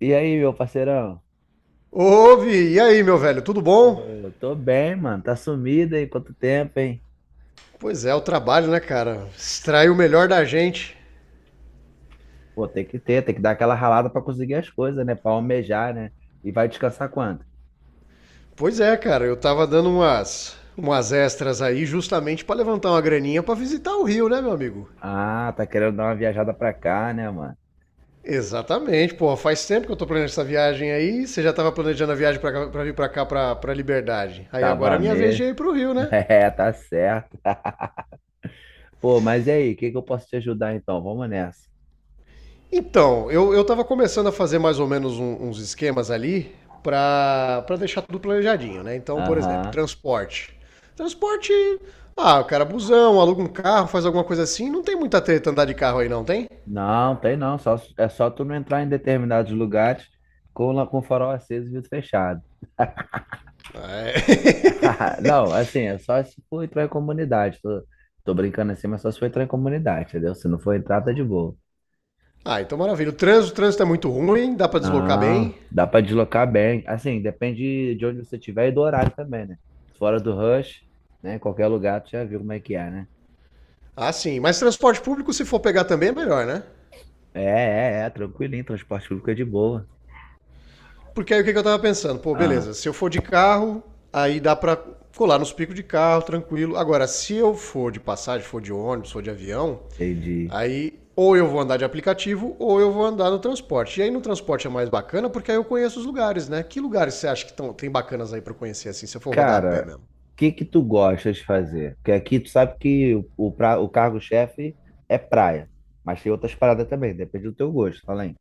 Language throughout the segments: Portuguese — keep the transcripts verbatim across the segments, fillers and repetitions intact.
E aí, meu parceirão? Ouve, e aí, meu velho, tudo bom? Ô, tô bem, mano. Tá sumido aí quanto tempo, hein? Pois é, o trabalho, né, cara? Extrai o melhor da gente. Pô, tem que ter, tem que dar aquela ralada pra conseguir as coisas, né? Pra almejar, né? E vai descansar quando? Pois é, cara, eu tava dando umas, umas extras aí justamente pra levantar uma graninha pra visitar o Rio, né, meu amigo? Ah, tá querendo dar uma viajada pra cá, né, mano? Exatamente, pô, faz tempo que eu tô planejando essa viagem aí. Você já tava planejando a viagem pra, cá- pra vir pra cá, pra, pra Liberdade. Aí agora Tava é minha vez de mesmo. ir pro Rio, né? É, tá certo. Pô, mas e aí, o que que eu posso te ajudar então? Vamos nessa. Então, eu, eu tava começando a fazer mais ou menos um- uns esquemas ali pra pra deixar tudo planejadinho, né? Então, por exemplo, Aham. transporte. Transporte, ah, o cara é busão, aluga um carro, faz alguma coisa assim, não tem muita treta andar de carro aí não, tem? Não, tem não. Só, é só tu não entrar em determinados lugares com, la- com o farol aceso e vidro fechado. É. Não, assim, é só se for entrar em comunidade. Tô, tô brincando assim, mas só se for entrar em comunidade, entendeu? Se não for entrar, tá de boa. Ah, então maravilha. O trânsito, o trânsito é muito ruim, dá pra deslocar Não, bem. dá pra deslocar bem. Assim, depende de onde você estiver e do horário também, né? Fora do rush, né? Em qualquer lugar, tu já viu como é que é, né? Ah, sim, mas transporte público, se for pegar, também é melhor, né? É, é, é, tranquilinho, transporte público é de boa. Porque aí o que, que eu tava pensando? Pô, Ah, beleza, se eu for de carro, aí dá pra colar nos picos de carro, tranquilo. Agora, se eu for de passagem, for de ônibus, for de avião, entendi. aí ou eu vou andar de aplicativo ou eu vou andar no transporte. E aí no transporte é mais bacana porque aí eu conheço os lugares, né? Que lugares você acha que tão, tem bacanas aí pra conhecer assim, se eu for rodar a pé Cara, mesmo? o que que tu gosta de fazer? Porque aqui tu sabe que o, o, pra- o cargo-chefe é praia, mas tem outras paradas também, depende do teu gosto, fala aí.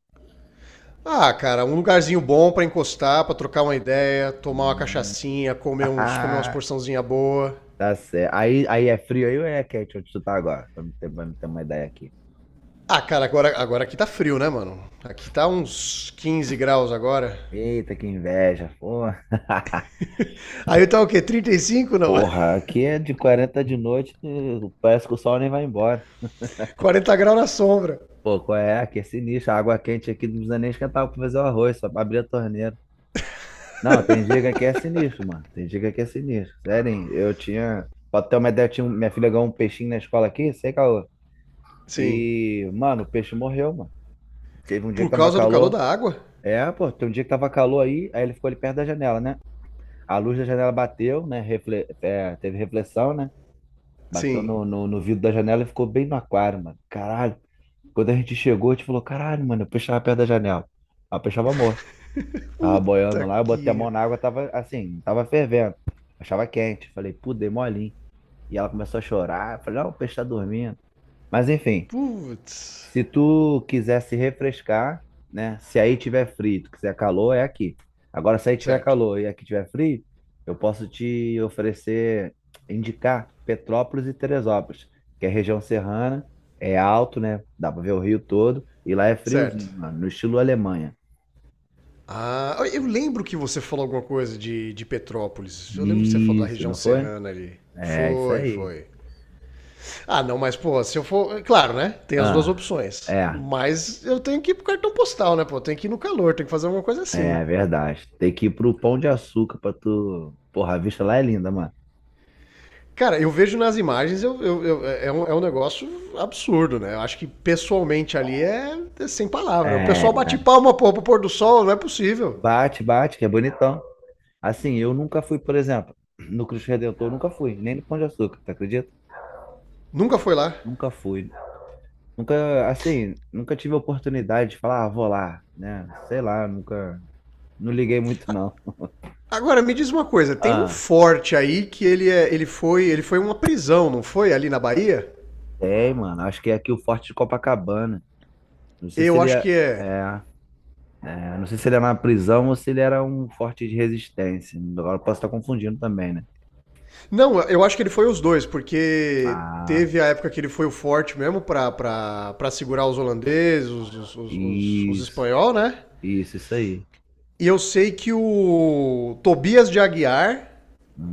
Ah, cara, um lugarzinho bom pra encostar, pra trocar uma ideia, tomar uma Hum. cachaçinha, comer uns, comer umas porçãozinha boa. Tá certo. Aí, aí é frio aí ou é quente onde tu tá agora? Pra me ter, pra me ter uma ideia aqui. Ah, cara, agora, agora aqui tá frio, né, mano? Aqui tá uns quinze graus agora. Eita, que inveja, porra. Aí tá o quê? Trinta e cinco? Não. Porra, aqui é de quarenta de noite, eh, parece que o sol nem vai embora. Quarenta graus na sombra. Pô, qual é? Aqui é sinistro. A água quente aqui não precisa nem esquentar pra fazer o arroz, só pra abrir a torneira. Não, tem dia que aqui é sinistro, mano. Tem dia que aqui é sinistro. Sério, hein? Eu tinha. Pra ter uma ideia, eu tinha... um- minha filha ganhou um peixinho na escola aqui, sei, caô. Sim. E, mano, o peixe morreu, mano. Teve um dia que Por tava causa do calor calor. da água? É, pô, tem um dia que tava calor aí, aí ele ficou ali perto da janela, né? A luz da janela bateu, né? Refle- é, teve reflexão, né? Bateu Sim. no, no, no vidro da janela e ficou bem no aquário, mano. Caralho. Quando a gente chegou, a gente falou, caralho, mano, eu peixe tava perto da janela. Aí o peixe tava morto. Tava boiando Puta lá, eu botei a que. mão na água, tava assim, tava fervendo. Achava quente. Falei, pô, dei molinho. E ela começou a chorar. Eu falei, não, o peixe tá dormindo. Mas enfim. Putz. Se tu quiser se refrescar, né? Se aí tiver frio, tu quiser calor, é aqui. Agora, se aí tiver Certo. calor e aqui tiver frio, eu posso te oferecer, indicar Petrópolis e Teresópolis, que é região serrana, é alto, né? Dá pra ver o rio todo e lá é Certo. friozinho, mano, no estilo Alemanha. Ah, eu lembro que você falou alguma coisa de, de Petrópolis. Eu lembro que você falou da Isso, região não foi? serrana ali. É isso Foi, aí. foi. Ah, não, mas, pô, se eu for. Claro, né? Tem as duas Ah, opções. é, Mas eu tenho que ir pro cartão postal, né, pô? Eu tenho que ir no calor, tenho que fazer alguma coisa é assim. verdade. Tem que ir pro Pão de Açúcar pra tu. Porra, a vista lá é linda, mano. Cara, eu vejo nas imagens. Eu, eu- eu- é, um, é um negócio absurdo, né? Eu acho que pessoalmente ali é, é sem palavra. O É, pessoal bate palma, pô, pro pôr do sol. Não é possível. bate, bate, que é bonitão. Assim, eu nunca fui, por exemplo, no Cristo Redentor, nunca fui, nem no Pão de Açúcar, tu acredita? Nunca foi lá. Nunca fui. Nunca, assim, nunca tive a oportunidade de falar, ah, vou lá, né? Sei lá, nunca, não liguei muito, não. Agora, me diz uma coisa, tem um Ah, forte aí que ele, é, ele foi ele foi uma prisão, não foi? Ali na Bahia? tem, mano, acho que é aqui o Forte de Copacabana. Não sei se Eu ele acho é, que é é, é, não sei se ele é na prisão ou se ele era um forte de resistência. Agora eu posso estar confundindo também, né? Não, eu acho que ele foi os dois, porque Ah, teve a época que ele foi o forte mesmo pra, pra, pra segurar os holandeses, os, os, os, os, os isso, espanhol, né? isso, isso aí. E eu sei que o Tobias de Aguiar,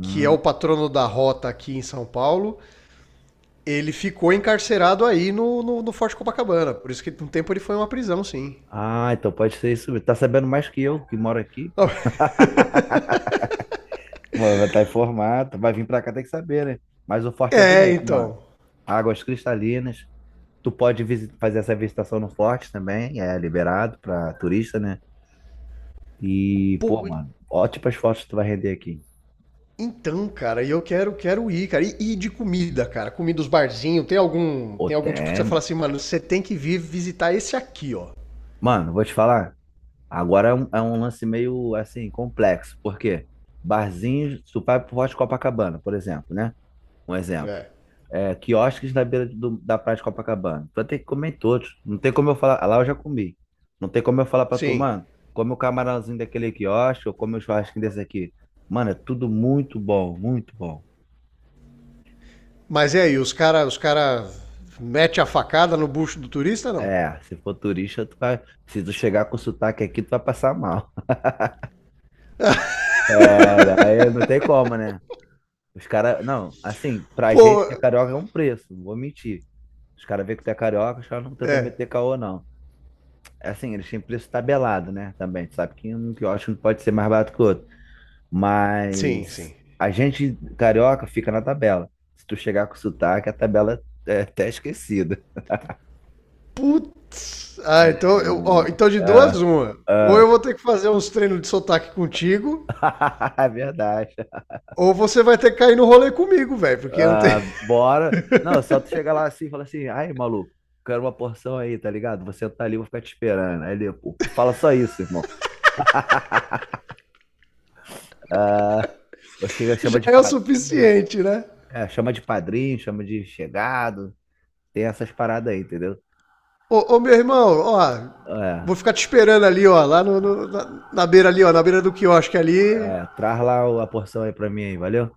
que é o patrono da rota aqui em São Paulo, ele ficou encarcerado aí no, no, no Forte Copacabana. Por isso que por um tempo ele foi uma prisão, sim. Ah, então pode ser isso mesmo. Tá sabendo mais que eu, que moro aqui, pô. Mano, vai estar informado. Vai vir pra cá, tem que saber, né? Mas o forte é É, bonito, mano. então. Águas cristalinas. Tu pode visi- fazer essa visitação no forte também. É liberado pra turista, né? E, pô, Pô, mano, ótimas fotos tu vai render aqui. então, cara, e eu quero, quero ir, cara. E, e de comida, cara. Comida dos barzinhos, tem algum, Ô, tem algum tipo que tem. você fala Mano, assim, mano, você tem que vir visitar esse aqui, ó. Mano, vou te falar. Agora é um, é um lance meio, assim, complexo. Por quê? Barzinhos, tu vai pro Forte Copacabana, por exemplo, né? Um exemplo. É. É, quiosques na beira do- da praia de Copacabana. Tu vai ter que comer em todos. Não tem como eu falar. Lá eu já comi. Não tem como eu falar pra tu, Sim. mano, come o camarãozinho daquele quiosque ou come o churrasquinho desse aqui. Mano, é tudo muito bom, muito bom. Mas e aí, os cara, os cara mete a facada no bucho do turista, não? É, se for turista, tu vai. Se tu chegar com sotaque aqui, tu vai passar mal. É, daí não tem como, né? Os caras. Não, assim, pra Pô, gente que é carioca é um preço, não vou mentir. Os caras veem que tu é carioca, os caras não tentam meter caô, não. É Assim, eles têm preço tabelado, né? Também. Tu sabe que um quiosque não pode ser mais barato que o outro. sim, Mas sim. a gente carioca fica na tabela. Se tu chegar com sotaque, a tabela é até esquecida. Putz. Ah, então, eu, ó, então de duas Ah, uma. Ou ah. eu vou ter que fazer uns treinos de sotaque contigo, É verdade. ou você vai ter que cair no rolê comigo, velho, porque não tem- Ah, bora. Não, só tu chegar lá assim e falar assim, ai, maluco, quero uma porção aí, tá ligado? Você tá ali, eu vou ficar te esperando. Aí ele, pô, fala só isso, irmão. Ah, eu chego, chama já de é o padrinho, suficiente, né? é, chama de padrinho, chama de chegado, tem essas paradas aí, entendeu? Ô, ô, meu irmão, ó, É, vou ficar te esperando ali, ó, lá no, no- na, na beira ali, ó, na beira do quiosque ali. é, traz lá o- a porção aí pra mim aí, valeu?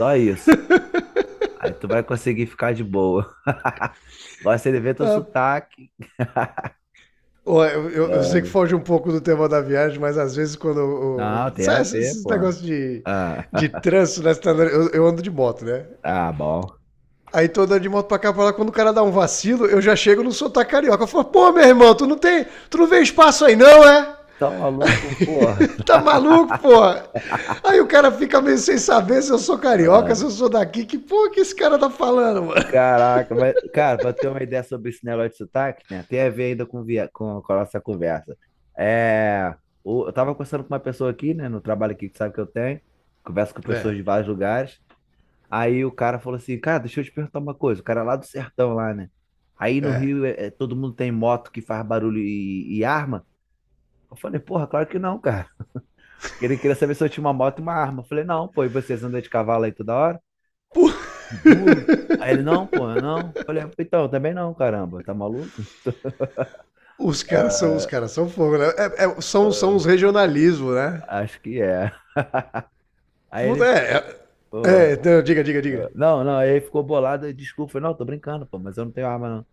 Só isso. Aí tu vai conseguir ficar de boa. Gosta de ver teu Ah, sotaque. ó, eu, eu- eu sei que É. foge um pouco do tema da viagem, mas às vezes quando o- Não, o- tem a sabe, esses ver, esses pô. negócios de, Ah, de trânsito, né? Você tá andando- Eu, eu ando de moto, né? ah, bom. Aí tô andando de moto pra cá pra lá, quando o cara dá um vacilo, eu já chego no sotaque carioca. Eu falo, pô, meu irmão, tu não tem. Tu não vê espaço aí, não, é? Tá maluco, porra. Tá maluco, porra? Aí o cara fica meio sem saber se eu sou carioca, se Ah, eu sou daqui. Que porra que esse cara tá falando, mano? caraca, mas, cara, pra ter uma ideia sobre esse negócio de sotaque, né? Tem a ver ainda com, via, com, com a nossa conversa. É, o- eu tava conversando com uma pessoa aqui, né? No trabalho aqui que sabe que eu tenho. Converso com É, pessoas de vários lugares. Aí o cara falou assim, cara, deixa eu te perguntar uma coisa. O cara é lá do sertão lá, né? Aí no é. Rio é, é, todo mundo tem moto que faz barulho e, e arma. Eu falei, porra, claro que não, cara. Que Ele queria saber se eu tinha uma moto e uma arma. Eu falei, não, pô, e vocês andam de cavalo aí toda hora? De burro? Aí ele, não, pô, eu não. Eu falei, "Ah, então, eu também não, caramba, tá maluco? Os caras são, os caras são fogo, né? É, é, são, são os regionalismos, né? Acho que é. Aí Puta, ele, é, pô, é, é, não, diga, diga, diga. ah, não, não, aí ele ficou bolado, e desculpa, eu falei, não, tô brincando, pô, mas eu não tenho arma, não.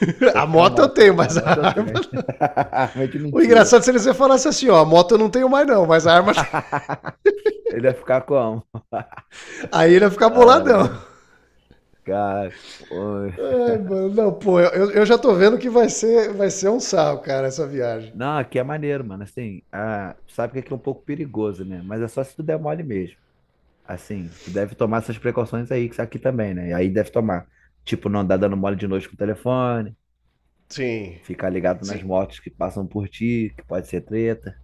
Só A tinha a moto eu tenho, moto, a mas a moto eu arma, tenho. não. Arma de O mentira. engraçado seria se você falasse assim, ó, a moto eu não tenho mais, não, mas a arma, tem. Ele ia ficar como? Aí ele ia ficar boladão. Cara, oi. Ai, mano, não, pô, eu, eu já tô vendo que vai ser, vai ser um sarro, cara, essa viagem. não, aqui é maneiro, mano. Assim, ah, tu sabe que aqui é um pouco perigoso, né? Mas é só se tu der mole mesmo. Assim, tu deve tomar essas precauções aí, que aqui também, né? E aí deve tomar. Tipo, não andar dando mole de noite com o telefone, Sim. ficar ligado nas Sim. motos que passam por ti, que pode ser treta.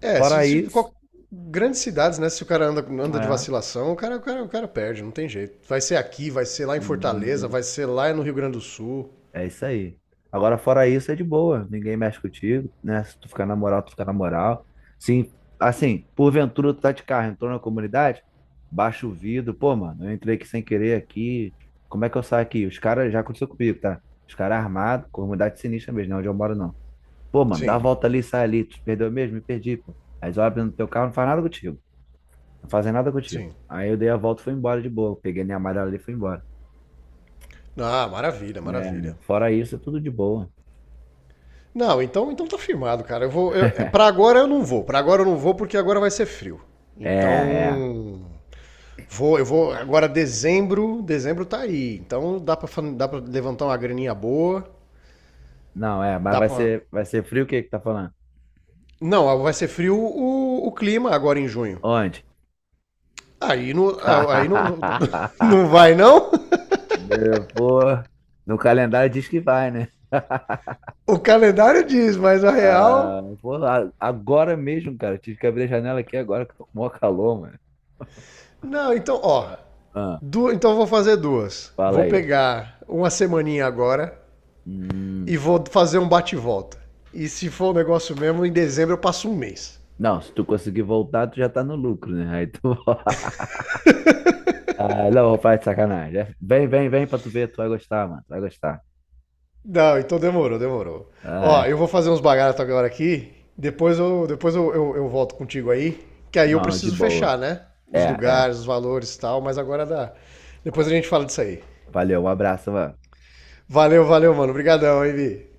É, se, Fora se, isso, qual- grandes cidades, né? Se o cara anda, anda de é. vacilação, o cara, o, cara, o cara perde, não tem jeito. Vai ser aqui, vai ser lá em Fortaleza, vai ser lá no Rio Grande do Sul. É isso aí. Agora, fora isso, é de boa. Ninguém mexe contigo, né? Se tu ficar na moral, tu fica na moral. Sim, assim, porventura tu tá de carro, entrou na comunidade, baixa o vidro. Pô, mano, eu entrei aqui sem querer aqui. Como é que eu saio aqui? Os caras, já aconteceu comigo, tá? Os caras armados, comunidade sinistra mesmo, não é onde eu moro, não. Pô, mano, dá a Sim, volta ali, sai ali. Tu perdeu mesmo? Me perdi, pô. Aí eles olham no teu carro, não faz nada contigo. Não fazem nada contigo. sim. Aí eu dei a volta e fui embora de boa. Peguei minha amarela ali e fui embora. Ah, maravilha, Né? maravilha. Fora isso, é tudo de boa. Não, então, então tá firmado, cara. Eu vou, eu, para agora eu não vou. Pra agora eu não vou porque agora vai ser frio. É, é. Então, vou, eu vou agora, dezembro, dezembro tá aí. Então dá pra, fan- dá pra levantar uma graninha boa, Não, é, mas dá vai pra ser, vai ser frio o que que tá falando? Não, vai ser frio o, o clima agora em junho. Onde? Aí não, aí não, não, não vai, não? Meu, Pô, no calendário diz que vai, né? O calendário diz, mas a Ah, real. pô, a- agora mesmo, cara, tive que abrir a janela aqui agora que tô com o maior calor, mano. Não, então, ó. Ah, Du... Então eu vou fazer duas. fala Vou aí. pegar uma semaninha agora Hum, e vou fazer um bate-volta. E se for um negócio mesmo, em dezembro eu passo um mês. não, se tu conseguir voltar, tu já tá no lucro, né? Aí tu... Ah, não, vou falar de sacanagem. É, Vem, vem, vem pra tu ver, tu vai gostar, mano, tu vai gostar. Não, então demorou, demorou. Ó, Ai, eu vou fazer uns bagatos agora aqui. Depois eu, depois eu, eu, eu volto contigo aí. Que aí eu não, de preciso boa. fechar, né? Os É, é. lugares, os valores e tal, mas agora dá. Depois a gente fala disso aí. Valeu, um abraço, mano. Valeu, valeu, mano. Obrigadão, hein, Vi.